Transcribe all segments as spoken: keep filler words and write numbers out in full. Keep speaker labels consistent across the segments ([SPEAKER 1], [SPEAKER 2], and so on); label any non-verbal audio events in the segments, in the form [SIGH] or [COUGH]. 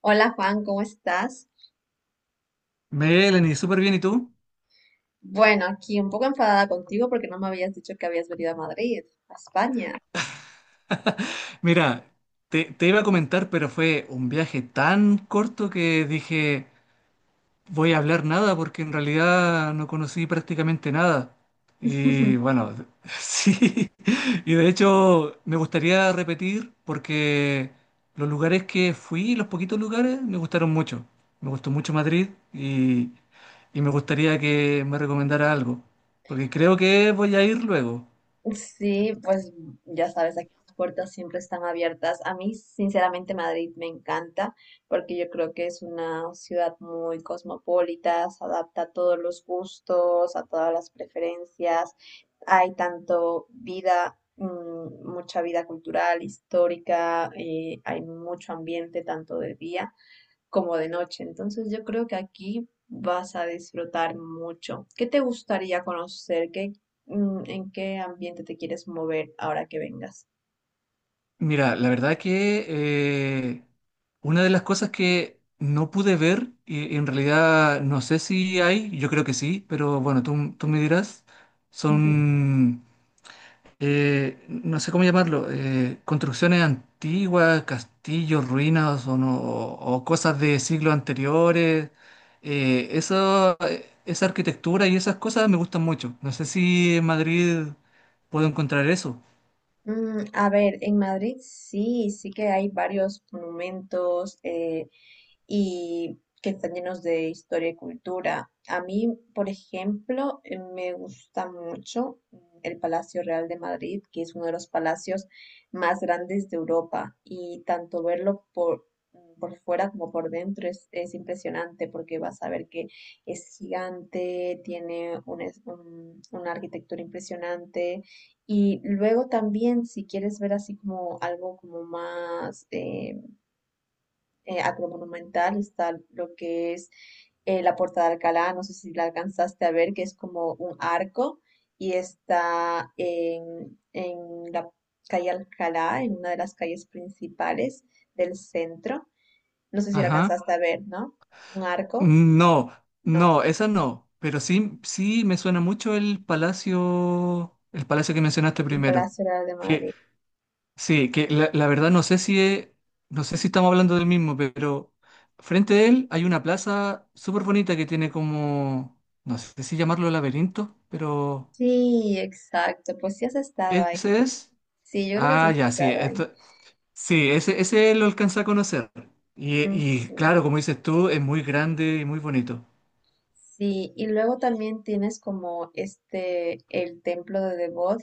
[SPEAKER 1] Hola Juan, ¿cómo estás?
[SPEAKER 2] Melanie, súper bien, ¿y tú?
[SPEAKER 1] Bueno, aquí un poco enfadada contigo porque no me habías dicho que habías venido a Madrid, a España.
[SPEAKER 2] Mira, te, te iba a comentar, pero fue un viaje tan corto que dije, voy a hablar nada porque en realidad no conocí prácticamente nada.
[SPEAKER 1] [LAUGHS]
[SPEAKER 2] Y bueno, [LAUGHS] sí, y de hecho me gustaría repetir porque los lugares que fui, los poquitos lugares, me gustaron mucho. Me gustó mucho Madrid y, y me gustaría que me recomendara algo, porque creo que voy a ir luego.
[SPEAKER 1] Sí, pues ya sabes, aquí las puertas siempre están abiertas. A mí, sinceramente, Madrid me encanta porque yo creo que es una ciudad muy cosmopolita, se adapta a todos los gustos, a todas las preferencias. Hay tanto vida, mm, mucha vida cultural, histórica, eh, hay mucho ambiente tanto de día como de noche. Entonces yo creo que aquí vas a disfrutar mucho. ¿Qué te gustaría conocer? ¿Qué, mm, En qué ambiente te quieres mover ahora que vengas?
[SPEAKER 2] Mira, la verdad que eh, una de las cosas que no pude ver, y en realidad no sé si hay, yo creo que sí, pero bueno, tú, tú me dirás, son, eh, no sé cómo llamarlo, eh, construcciones antiguas, castillos, ruinas o, no- o- o cosas de siglos anteriores. Eh, eso, eh, esa arquitectura y esas cosas me gustan mucho. No sé si en Madrid puedo encontrar eso.
[SPEAKER 1] Mm, a ver, en Madrid sí, sí que hay varios monumentos eh, y que están llenos de historia y cultura. A mí, por ejemplo, eh, me gusta mucho mm, el Palacio Real de Madrid, que es uno de los palacios más grandes de Europa y tanto verlo por, mm, por fuera como por dentro es, es impresionante porque vas a ver que es gigante, tiene un es- un- una arquitectura impresionante y luego también, si quieres ver así como algo como más eh, eh, agromonumental, está lo que es eh, la Puerta de Alcalá, no sé si la alcanzaste a ver, que es como un arco y está en, en la calle Alcalá, en una de las calles principales del centro. No sé si lo
[SPEAKER 2] Ajá.
[SPEAKER 1] alcanzaste a ver, ¿no? Un arco
[SPEAKER 2] No, no, esa no. Pero sí, sí me suena mucho el palacio, el palacio que mencionaste
[SPEAKER 1] del
[SPEAKER 2] primero.
[SPEAKER 1] Palacio Real de
[SPEAKER 2] Que,
[SPEAKER 1] Madrid.
[SPEAKER 2] sí, que la, la verdad no sé si es- no sé si estamos hablando del mismo, pero frente a él hay una plaza súper bonita que tiene como, no sé si llamarlo laberinto, pero
[SPEAKER 1] Sí, exacto, pues sí has estado ahí.
[SPEAKER 2] ese es.
[SPEAKER 1] Sí, yo creo que sí
[SPEAKER 2] Ah,
[SPEAKER 1] has
[SPEAKER 2] ya, sí,
[SPEAKER 1] estado ahí.
[SPEAKER 2] esto- sí, ese, ese lo alcanza a conocer. Y,
[SPEAKER 1] Mm,
[SPEAKER 2] y
[SPEAKER 1] Sí.
[SPEAKER 2] claro, como dices tú, es muy grande y muy bonito.
[SPEAKER 1] Sí, y luego también tienes como este, el templo de Devot,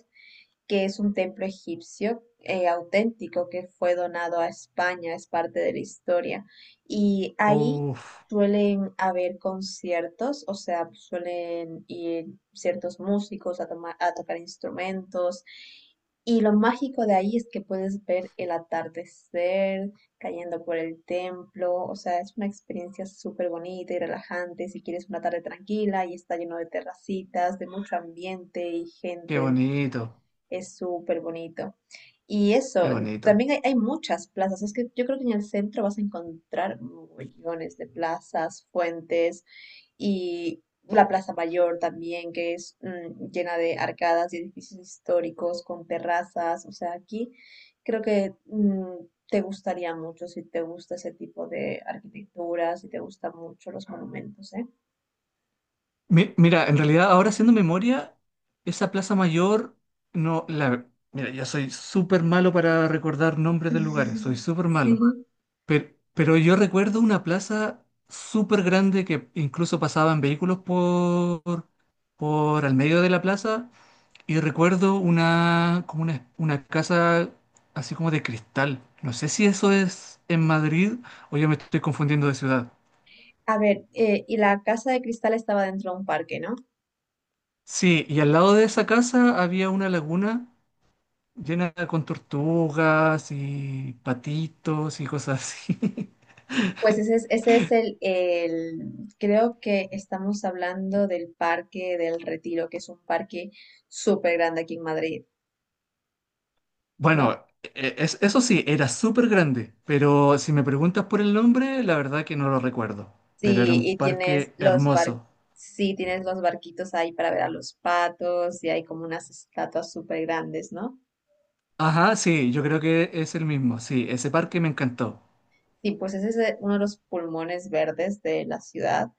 [SPEAKER 1] que es un templo egipcio eh, auténtico que fue donado a España, es parte de la historia. Y ahí
[SPEAKER 2] Uf,
[SPEAKER 1] suelen haber conciertos, o sea, suelen ir ciertos músicos a, toma- a tocar instrumentos. Y lo mágico de ahí es que puedes ver el atardecer cayendo por el templo, o sea, es una experiencia súper bonita y relajante si quieres una tarde tranquila y está lleno de terracitas, de mucho ambiente y
[SPEAKER 2] qué
[SPEAKER 1] gente,
[SPEAKER 2] bonito.
[SPEAKER 1] es súper bonito. Y eso,
[SPEAKER 2] Qué bonito.
[SPEAKER 1] también hay, hay muchas plazas. Es que yo creo que en el centro vas a encontrar millones de plazas, fuentes y la Plaza Mayor también, que es mm, llena de arcadas y edificios históricos con terrazas. O sea, aquí creo que mm, te gustaría mucho si te gusta ese tipo de arquitectura, si te gustan mucho los monumentos, ¿eh?
[SPEAKER 2] Mi- mira, en realidad ahora haciendo memoria, esa Plaza Mayor, no, la, mira, yo soy súper malo para recordar nombres de lugares, soy
[SPEAKER 1] [LAUGHS]
[SPEAKER 2] súper
[SPEAKER 1] Sí.
[SPEAKER 2] malo. Pero, pero yo recuerdo una plaza súper grande que incluso pasaban vehículos por, por al medio de la plaza y recuerdo una, como una, una casa así como de cristal. No sé si eso es en Madrid o yo me estoy confundiendo de ciudad.
[SPEAKER 1] A ver, eh, y la Casa de Cristal estaba dentro de un parque, ¿no?
[SPEAKER 2] Sí, y al lado de esa casa había una laguna llena con tortugas y patitos y cosas así. [LAUGHS]
[SPEAKER 1] Pues ese es, ese es el, el- creo que estamos hablando del Parque del Retiro, que es un parque súper grande aquí en Madrid, ¿no?
[SPEAKER 2] Bueno, e- es- eso sí, era súper grande, pero si me preguntas por el nombre, la verdad que no lo recuerdo. Pero era
[SPEAKER 1] Sí,
[SPEAKER 2] un
[SPEAKER 1] y tienes
[SPEAKER 2] parque
[SPEAKER 1] los bar,
[SPEAKER 2] hermoso.
[SPEAKER 1] sí, tienes los barquitos ahí para ver a los patos y hay como unas estatuas súper grandes, ¿no?
[SPEAKER 2] Ajá, sí, yo creo que es el mismo. Sí, ese parque me encantó.
[SPEAKER 1] Sí, pues ese es, eh, uno de los pulmones verdes de la ciudad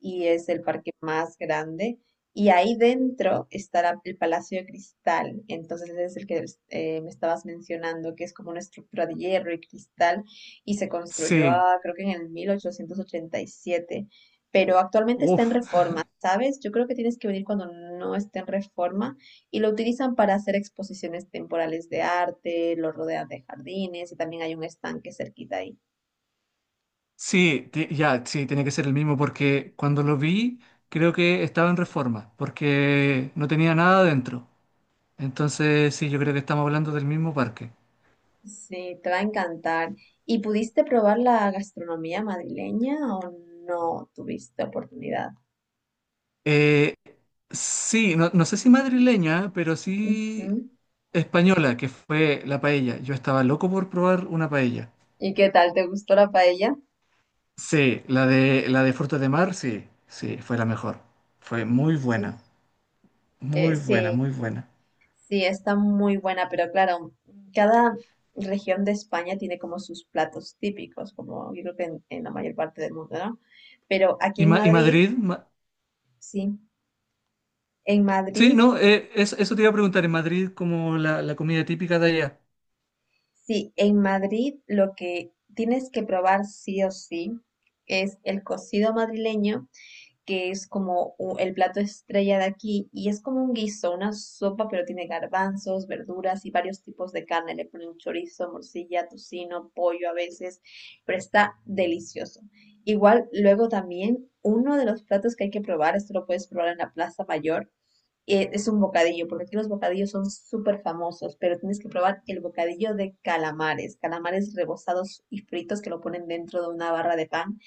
[SPEAKER 1] y es el parque más grande. Y ahí dentro está la- el Palacio de Cristal. Entonces ese es el que eh, me estabas mencionando, que es como una estructura de hierro y cristal y se construyó,
[SPEAKER 2] Sí,
[SPEAKER 1] ah, creo que en el mil ochocientos ochenta y siete. Pero actualmente está en
[SPEAKER 2] uff.
[SPEAKER 1] reforma, ¿sabes? Yo creo que tienes que venir cuando no esté en reforma y lo utilizan para hacer exposiciones temporales de arte, lo rodean de jardines y también hay un estanque cerquita ahí.
[SPEAKER 2] Sí, ti- ya, sí, tiene que ser el mismo porque cuando lo vi, creo que estaba en reforma, porque no tenía nada dentro. Entonces, sí, yo creo que estamos hablando del mismo parque.
[SPEAKER 1] Sí, te va a encantar. ¿Y pudiste probar la gastronomía madrileña o no tuviste oportunidad?
[SPEAKER 2] Eh, sí, no, no sé si madrileña, pero sí
[SPEAKER 1] Ujú.
[SPEAKER 2] española, que fue la paella. Yo estaba loco por probar una paella.
[SPEAKER 1] ¿Y qué tal? ¿Te gustó la paella?
[SPEAKER 2] Sí, la de, la de frutos de mar, sí, sí, fue la mejor. Fue muy buena,
[SPEAKER 1] Sí, Eh,
[SPEAKER 2] muy buena,
[SPEAKER 1] sí,
[SPEAKER 2] muy buena.
[SPEAKER 1] sí, está muy buena, pero claro, cada región de España tiene como sus platos típicos, como yo creo que en, en la mayor parte del mundo, ¿no? Pero aquí
[SPEAKER 2] ¿Y,
[SPEAKER 1] en
[SPEAKER 2] Ma- y
[SPEAKER 1] Madrid,
[SPEAKER 2] Madrid? Ma-
[SPEAKER 1] sí, en
[SPEAKER 2] sí,
[SPEAKER 1] Madrid,
[SPEAKER 2] no, eh, eso, eso te iba a preguntar, ¿en Madrid como la, la comida típica de allá?
[SPEAKER 1] sí, en Madrid lo que tienes que probar sí o sí es el cocido madrileño, que es como u- el plato estrella de aquí y es como un guiso, una sopa, pero tiene garbanzos, verduras y varios tipos de carne. Le ponen chorizo, morcilla, tocino, pollo a veces, pero está delicioso. Igual, luego también, uno de los platos que hay que probar, esto lo puedes probar en la Plaza Mayor, eh, es un bocadillo, porque aquí los bocadillos son súper famosos, pero tienes que probar el bocadillo de calamares, calamares rebozados y fritos que lo ponen dentro de una barra de pan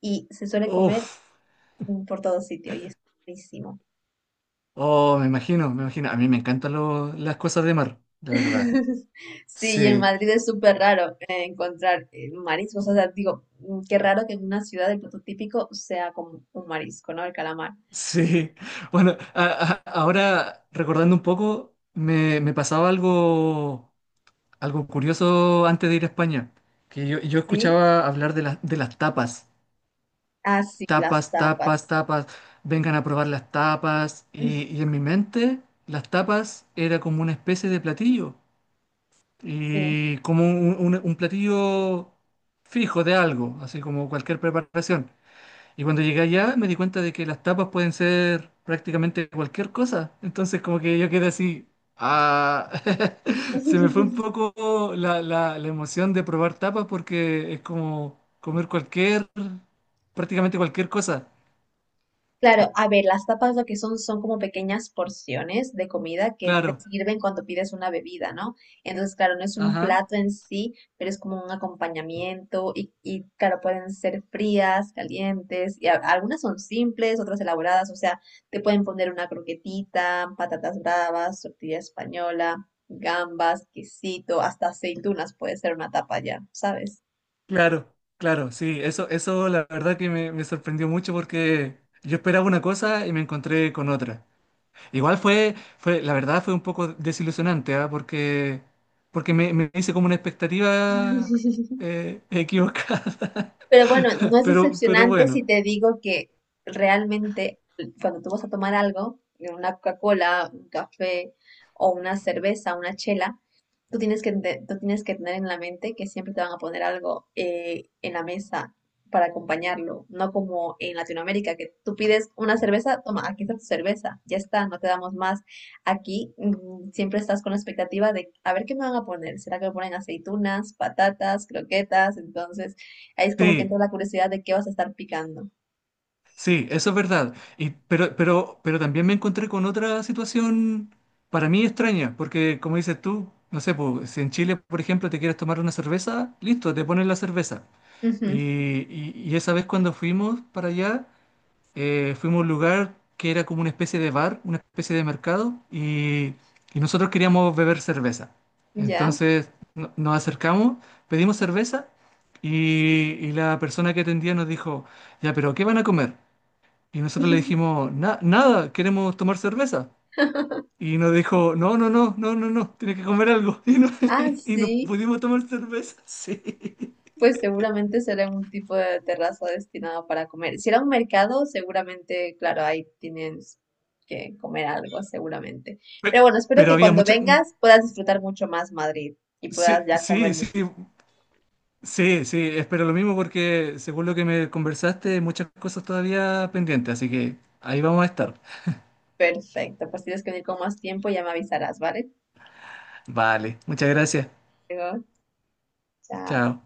[SPEAKER 1] y se suele
[SPEAKER 2] Uf,
[SPEAKER 1] comer mm, por todo sitio y es buenísimo.
[SPEAKER 2] oh, me imagino, me imagino. A mí me encantan lo- las cosas de mar, la verdad.
[SPEAKER 1] [LAUGHS] Sí, y en
[SPEAKER 2] Sí.
[SPEAKER 1] Madrid es súper raro eh, encontrar eh, mariscos. O sea, digo, mm, qué raro que en una ciudad el plato típico sea como un marisco, ¿no? El calamar.
[SPEAKER 2] Sí, [LAUGHS] bueno, a- a- ahora recordando un poco, me, me pasaba algo, algo curioso antes de ir a España, que yo, yo
[SPEAKER 1] Sí.
[SPEAKER 2] escuchaba hablar de, las de las tapas,
[SPEAKER 1] Ah, sí, las
[SPEAKER 2] tapas, tapas,
[SPEAKER 1] tapas.
[SPEAKER 2] tapas, vengan a probar las tapas, y, y
[SPEAKER 1] [LAUGHS]
[SPEAKER 2] en mi mente las tapas era como una especie de platillo,
[SPEAKER 1] Sí.
[SPEAKER 2] y como un, un un platillo fijo de algo, así como cualquier preparación. Y cuando llegué allá me di cuenta de que las tapas pueden ser prácticamente cualquier cosa. Entonces como que yo quedé así, ah, [LAUGHS] se me fue un
[SPEAKER 1] [LAUGHS]
[SPEAKER 2] poco la, la- la emoción de probar tapas porque es como comer cualquier, prácticamente cualquier cosa.
[SPEAKER 1] Claro, a ver, las tapas lo que son son como pequeñas porciones de comida que te
[SPEAKER 2] Claro,
[SPEAKER 1] sirven cuando pides una bebida, ¿no? Entonces, claro, no es un
[SPEAKER 2] ajá,
[SPEAKER 1] plato en sí, pero es como un acompañamiento y, y, claro, pueden ser frías, calientes, y a- algunas son simples, otras elaboradas, o sea, te pueden poner una croquetita, patatas bravas, tortilla española, gambas, quesito, hasta aceitunas puede ser una tapa ya, ¿sabes?
[SPEAKER 2] claro, claro, sí, eso, eso la verdad que me, me sorprendió mucho porque yo esperaba una cosa y me encontré con otra. Igual fue, fue, la verdad fue un poco desilusionante, ¿ah? Porque, porque me, me hice como una expectativa
[SPEAKER 1] [LAUGHS]
[SPEAKER 2] eh, equivocada. [LAUGHS]
[SPEAKER 1] Pero bueno, no es
[SPEAKER 2] Pero, pero
[SPEAKER 1] decepcionante
[SPEAKER 2] bueno,
[SPEAKER 1] si te digo que realmente cuando tú vas a tomar algo, una Coca-Cola, un café o una cerveza, una chela, tú tienes que, te- tú tienes que tener en la mente que siempre te van a poner algo eh, en la mesa para acompañarlo, no como en Latinoamérica, que tú pides una cerveza, toma, aquí está tu cerveza, ya está, no te damos más. Aquí mm, siempre estás con la expectativa de a ver qué me van a poner, ¿será que me ponen aceitunas, patatas, croquetas? Entonces, ahí es como que
[SPEAKER 2] sí,
[SPEAKER 1] entra la curiosidad de qué vas a estar picando.
[SPEAKER 2] sí, eso es verdad. Y, pero, pero, pero también me encontré con otra situación para mí extraña, porque como dices tú, no sé, pues, si en Chile, por ejemplo, te quieres tomar una cerveza, listo, te ponen la cerveza. Y,
[SPEAKER 1] Ujú.
[SPEAKER 2] y, y esa vez cuando fuimos para allá... eh, fuimos a un lugar que era como una especie de bar, una especie de mercado, y, y nosotros queríamos beber cerveza.
[SPEAKER 1] ¿Ya?
[SPEAKER 2] Entonces no- nos acercamos, pedimos cerveza, y, y la persona que atendía nos dijo, ya, pero ¿qué van a comer? Y nosotros le dijimos, "Na- nada, queremos tomar cerveza". Y nos dijo, no, no, no, no, no, no, tienes que comer algo. [LAUGHS] Y no,
[SPEAKER 1] Ah,
[SPEAKER 2] y
[SPEAKER 1] sí.
[SPEAKER 2] no pudimos tomar cerveza, [LAUGHS] sí.
[SPEAKER 1] Pues seguramente será un tipo de terraza destinado para comer. Si era un mercado, seguramente, claro, ahí tienes que comer algo, seguramente.
[SPEAKER 2] Pe-
[SPEAKER 1] Pero bueno, espero
[SPEAKER 2] Pero
[SPEAKER 1] que
[SPEAKER 2] había
[SPEAKER 1] cuando
[SPEAKER 2] mucha... mm,
[SPEAKER 1] vengas puedas disfrutar mucho más Madrid y puedas
[SPEAKER 2] sí,
[SPEAKER 1] ya
[SPEAKER 2] sí,
[SPEAKER 1] comer.
[SPEAKER 2] sí. Sí, sí, espero lo mismo porque según lo que me conversaste, hay muchas cosas todavía pendientes, así que ahí vamos a estar.
[SPEAKER 1] Perfecto, pues tienes que venir con más tiempo, ya me avisarás, ¿vale?
[SPEAKER 2] Vale, muchas gracias.
[SPEAKER 1] Luego,
[SPEAKER 2] Chao.
[SPEAKER 1] chao.